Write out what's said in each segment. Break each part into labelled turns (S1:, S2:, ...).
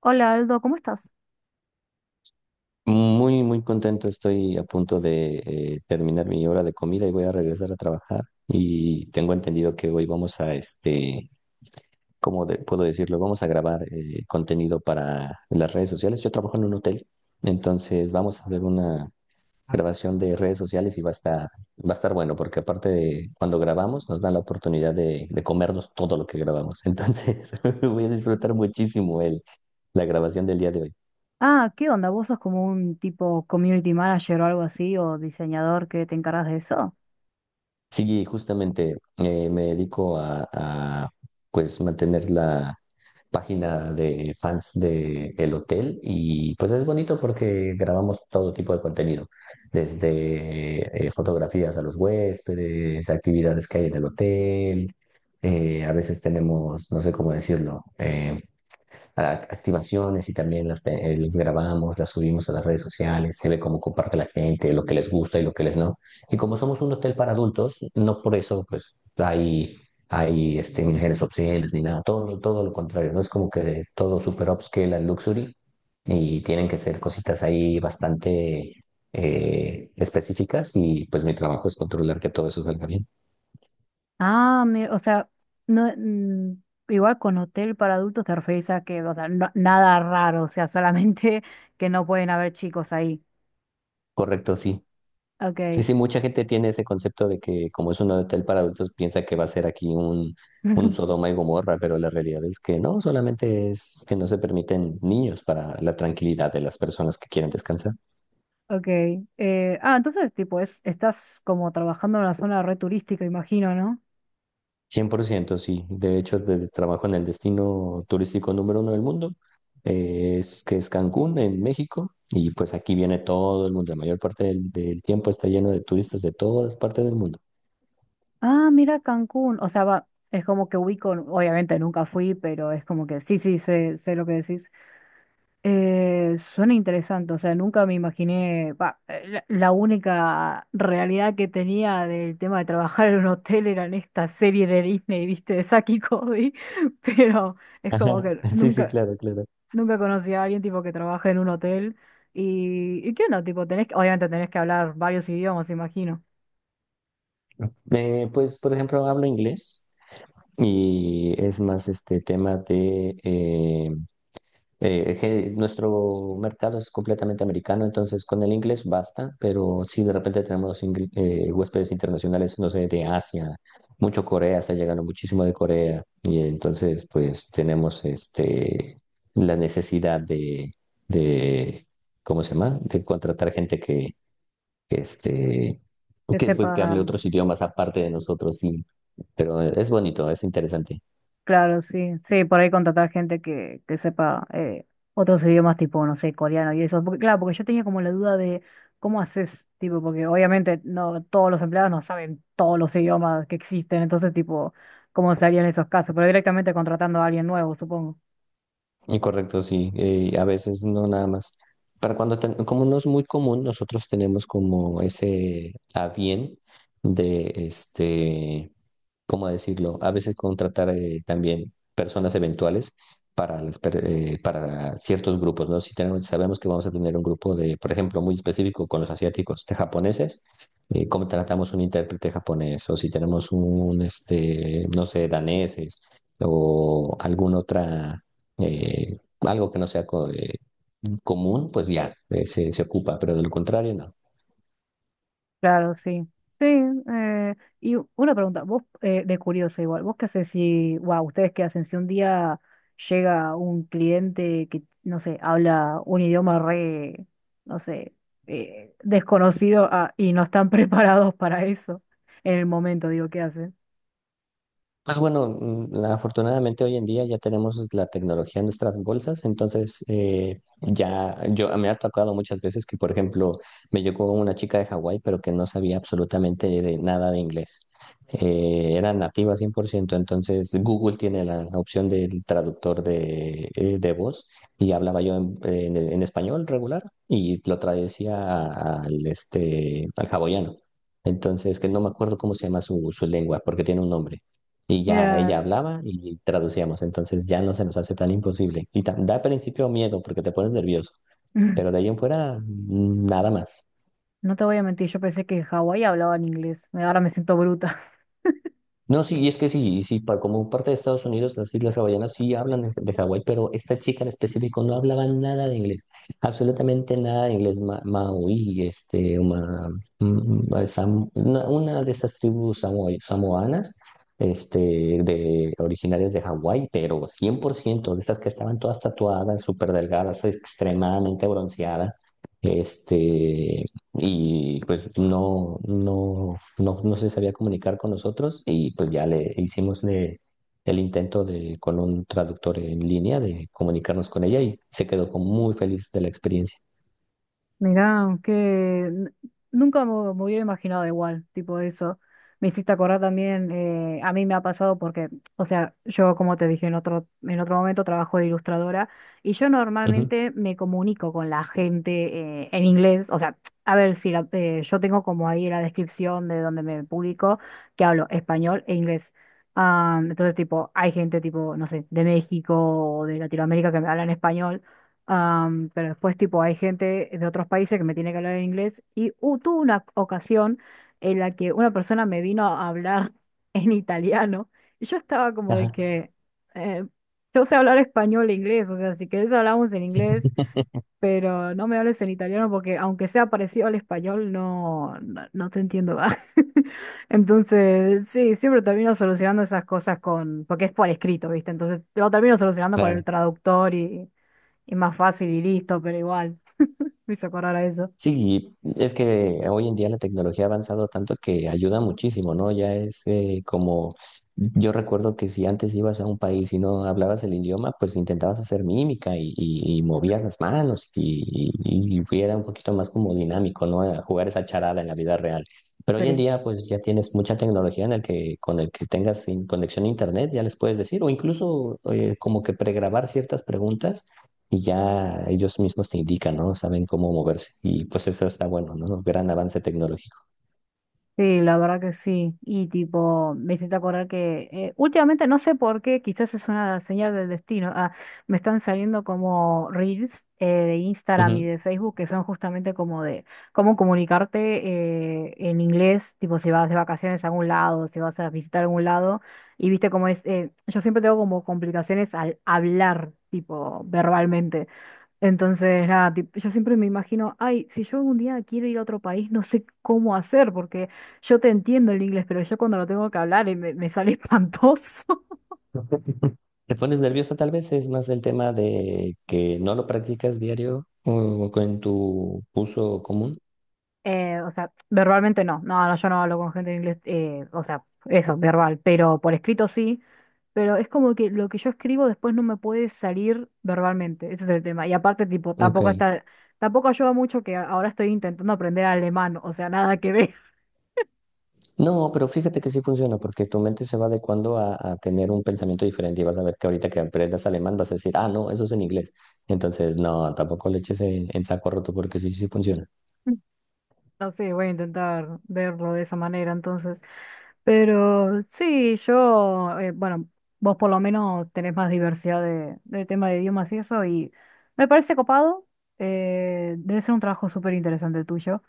S1: Hola Aldo, ¿cómo estás?
S2: Muy, muy contento. Estoy a punto de terminar mi hora de comida y voy a regresar a trabajar. Y tengo entendido que hoy vamos a, ¿cómo puedo decirlo? Vamos a grabar contenido para las redes sociales. Yo trabajo en un hotel, entonces vamos a hacer una grabación de redes sociales y va a estar bueno, porque aparte de cuando grabamos nos dan la oportunidad de comernos todo lo que grabamos. Entonces voy a disfrutar muchísimo la grabación del día de hoy.
S1: Ah, ¿qué onda? ¿Vos sos como un tipo community manager o algo así, o diseñador que te encargas de eso?
S2: Sí, justamente me dedico a, pues mantener la página de fans de el hotel y pues es bonito porque grabamos todo tipo de contenido, desde fotografías a los huéspedes, actividades que hay en el hotel, a veces tenemos, no sé cómo decirlo, activaciones y también las grabamos, las subimos a las redes sociales, se ve cómo comparte la gente, lo que les gusta y lo que les no. Y como somos un hotel para adultos, no por eso pues hay mujeres obscenas ni nada, todo, todo lo contrario, no es como que todo super upscale al luxury y tienen que ser cositas ahí bastante específicas y pues mi trabajo es controlar que todo eso salga bien.
S1: O sea, no, igual con hotel para adultos te referís a que, o sea, nada raro, o sea, solamente que no pueden haber chicos ahí.
S2: Correcto, sí. Sí,
S1: Ok,
S2: sí, mucha gente tiene ese concepto de que como es un hotel para adultos, piensa que va a ser aquí un Sodoma y Gomorra, pero la realidad es que no, solamente es que no se permiten niños para la tranquilidad de las personas que quieren descansar.
S1: ok. Entonces, tipo, estás como trabajando en una zona re turística, imagino, ¿no?
S2: 100%, sí. De hecho, trabajo en el destino turístico número 1 del mundo, que es Cancún, en México, y pues aquí viene todo el mundo. La mayor parte del tiempo está lleno de turistas de todas partes del mundo.
S1: Ah, mira Cancún, o sea, va, es como que ubico, obviamente nunca fui, pero es como que sí, sí, sé lo que decís. Suena interesante, o sea, nunca me imaginé, la única realidad que tenía del tema de trabajar en un hotel era en esta serie de Disney, viste, de Saki y Cody, pero es
S2: Ajá.
S1: como que
S2: Sí, sí, claro, claro.
S1: nunca conocí a alguien tipo que trabaja en un hotel ¿y qué onda? Tipo, obviamente tenés que hablar varios idiomas, imagino,
S2: Pues, por ejemplo, hablo inglés. Y es más este tema de que nuestro mercado es completamente americano, entonces con el inglés basta, pero si de repente tenemos huéspedes internacionales, no sé, de Asia, mucho Corea, está llegando muchísimo de Corea, y entonces pues tenemos la necesidad de ¿cómo se llama? De contratar gente que este
S1: que
S2: que,
S1: sepa.
S2: pues, que hable otros idiomas aparte de nosotros, sí, pero es bonito, es interesante.
S1: Claro, sí, sí, por ahí contratar gente que, sepa otros idiomas tipo, no sé, coreano y eso. Porque, claro, porque yo tenía como la duda de cómo haces, tipo, porque obviamente no todos los empleados no saben todos los idiomas que existen, entonces, tipo, cómo se harían esos casos, pero directamente contratando a alguien nuevo, supongo.
S2: Y correcto, sí, a veces no nada más. Para cuando, como no es muy común, nosotros tenemos como ese a bien de este. ¿Cómo decirlo? A veces contratar también personas eventuales para, para ciertos grupos, ¿no? Si tenemos, sabemos que vamos a tener un grupo de, por ejemplo, muy específico con los asiáticos, de japoneses, contratamos un intérprete japonés, o si tenemos no sé, daneses, o alguna otra, algo que no sea común, pues ya, se ocupa, pero de lo contrario, no.
S1: Claro, sí. Sí, y una pregunta, de curioso igual, ¿vos qué hacés si, wow, ustedes qué hacen si un día llega un cliente que, no sé, habla un idioma re, no sé, desconocido y no están preparados para eso en el momento, digo, ¿qué hacen?
S2: Pues bueno, afortunadamente hoy en día ya tenemos la tecnología en nuestras bolsas, entonces ya yo me ha tocado muchas veces que, por ejemplo, me llegó una chica de Hawái, pero que no sabía absolutamente de nada de inglés. Era nativa 100%. Entonces Google tiene la opción del traductor de voz y hablaba yo en español regular y lo traducía al hawaiano. Entonces, que no me acuerdo cómo se llama su lengua, porque tiene un nombre. Y ya
S1: Mira,
S2: ella hablaba y traducíamos, entonces ya no se nos hace tan imposible. Y da al principio miedo porque te pones nervioso, pero de ahí en fuera nada más.
S1: no te voy a mentir, yo pensé que en Hawái hablaban inglés, ahora me siento bruta.
S2: No, sí, y es que sí, y sí, como parte de Estados Unidos, las Islas Hawaianas sí hablan de Hawái, pero esta chica en específico no hablaba nada de inglés, absolutamente nada de inglés maorí, mm, una de estas tribus samoanas, este, de originarias de Hawái, pero 100% de estas que estaban todas tatuadas, súper delgadas, extremadamente bronceadas, este, y pues no, no, no, no se sabía comunicar con nosotros y pues ya le hicimos el intento de, con un traductor en línea de comunicarnos con ella y se quedó como muy feliz de la experiencia.
S1: Mirá, nunca me hubiera imaginado igual, tipo eso. Me hiciste acordar también, a mí me ha pasado porque, o sea, yo como te dije en en otro momento, trabajo de ilustradora y yo
S2: Ujú,
S1: normalmente me comunico con la gente en inglés, o sea, a ver si la- yo tengo como ahí la descripción de donde me publico, que hablo español e inglés. Ah, entonces, tipo, hay gente tipo, no sé, de México o de Latinoamérica que me hablan español. Am, pero después, tipo, hay gente de otros países que me tiene que hablar en inglés. Y tuve una ocasión en la que una persona me vino a hablar en italiano. Y yo estaba como
S2: ajá,
S1: de que eh, yo sé hablar español e inglés. O sea, si querés hablamos en inglés, pero no me hables en italiano porque aunque sea parecido al español, no, no, no te entiendo. ¿Va? Entonces, sí, siempre termino solucionando esas cosas con, porque es por escrito, ¿viste? Entonces lo termino solucionando con el
S2: claro.
S1: traductor y más fácil y listo, pero igual, me hizo acordar a eso.
S2: Sí, es que hoy en día la tecnología ha avanzado tanto que ayuda muchísimo, ¿no? Ya es como, yo recuerdo que si antes ibas a un país y no hablabas el idioma, pues intentabas hacer mímica y movías las manos y era un poquito más como dinámico, ¿no? A jugar esa charada en la vida real. Pero hoy en
S1: Sí.
S2: día, pues ya tienes mucha tecnología en el que con el que tengas conexión a internet, ya les puedes decir, o incluso como que pregrabar ciertas preguntas y ya ellos mismos te indican, ¿no? Saben cómo moverse y pues eso está bueno, ¿no? Gran avance tecnológico.
S1: Sí, la verdad que sí. Y tipo, me hiciste acordar que últimamente no sé por qué, quizás es una señal del destino. Ah, me están saliendo como reels de Instagram y
S2: Ujú.
S1: de Facebook que son justamente como de cómo comunicarte en inglés, tipo si vas de vacaciones a algún lado, si vas a visitar algún lado. Y viste cómo es, yo siempre tengo como complicaciones al hablar, tipo verbalmente. Entonces, nada, yo siempre me imagino, ay, si yo algún día quiero ir a otro país, no sé cómo hacer, porque yo te entiendo el inglés, pero yo cuando lo tengo que hablar me sale espantoso.
S2: ¿Te pones nervioso tal vez? Es más del tema de que no lo practicas diario o en tu uso común.
S1: O sea, verbalmente no, no, no, yo no hablo con gente en inglés, o sea, eso, verbal, pero por escrito sí, pero es como que lo que yo escribo después no me puede salir verbalmente, ese es el tema. Y aparte, tipo,
S2: Ok.
S1: tampoco ayuda mucho que ahora estoy intentando aprender alemán, o sea, nada que ver.
S2: No, pero fíjate que sí funciona porque tu mente se va adecuando a tener un pensamiento diferente y vas a ver que ahorita que aprendas alemán vas a decir, ah, no, eso es en inglés. Entonces, no, tampoco le eches en saco roto porque sí, sí funciona.
S1: No sé, voy a intentar verlo de esa manera entonces. Pero sí, yo, bueno, vos por lo menos tenés más diversidad de tema de idiomas y eso, y me parece copado. Eh, debe ser un trabajo súper interesante el tuyo.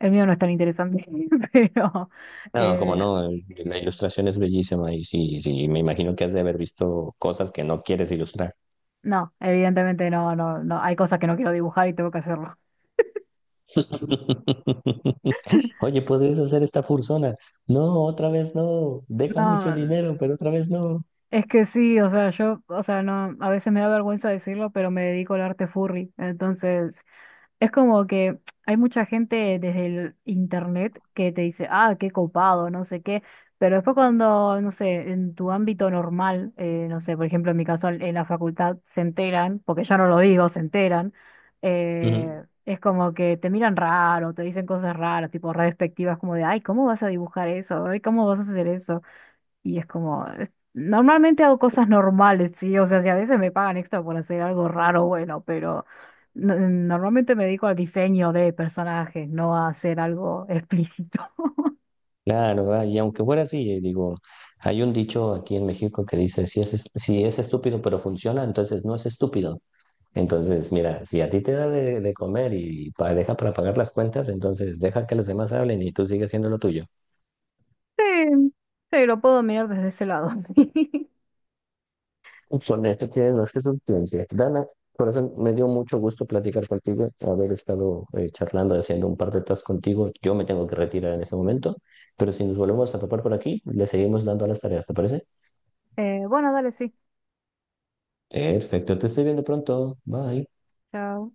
S1: El mío no es tan interesante, pero
S2: No, como
S1: eh,
S2: no, la ilustración es bellísima y sí, sí, me imagino que has de haber visto cosas que no quieres ilustrar.
S1: no, evidentemente no, no, no. Hay cosas que no quiero dibujar y tengo que hacerlo.
S2: Oye, ¿puedes hacer esta fursona? No, otra vez no, deja mucho
S1: No,
S2: dinero, pero otra vez no.
S1: es que sí, o sea, yo, o sea, no, a veces me da vergüenza decirlo, pero me dedico al arte furry, entonces. Es como que hay mucha gente desde el internet que te dice, ah, qué copado, no sé qué, pero después cuando, no sé, en tu ámbito normal, no sé, por ejemplo, en mi caso en la facultad se enteran, porque yo no lo digo, se enteran,
S2: Ujú.
S1: es como que te miran raro, te dicen cosas raras, tipo re despectivas, como de, ay, ¿cómo vas a dibujar eso? Ay, ¿cómo vas a hacer eso? Y es como, normalmente hago cosas normales, sí, o sea, si a veces me pagan extra por hacer algo raro, bueno, pero normalmente me dedico al diseño de personajes, no a hacer algo explícito.
S2: Claro, ah, y aunque fuera así, digo, hay un dicho aquí en México que dice, si es, si es estúpido pero funciona, entonces no es estúpido. Entonces, mira, si a ti te da de comer y deja para pagar las cuentas, entonces deja que los demás hablen y tú sigues haciendo lo tuyo.
S1: Sí, sí, lo puedo mirar desde ese lado, sí.
S2: Con esto tienes más que suficiente. Dana, por eso me dio mucho gusto platicar contigo, haber estado charlando, haciendo un par de tasks contigo. Yo me tengo que retirar en este momento, pero si nos volvemos a topar por aquí, le seguimos dando a las tareas, ¿te parece?
S1: Bueno, dale, sí.
S2: Perfecto, te estoy viendo pronto. Bye.
S1: Chao.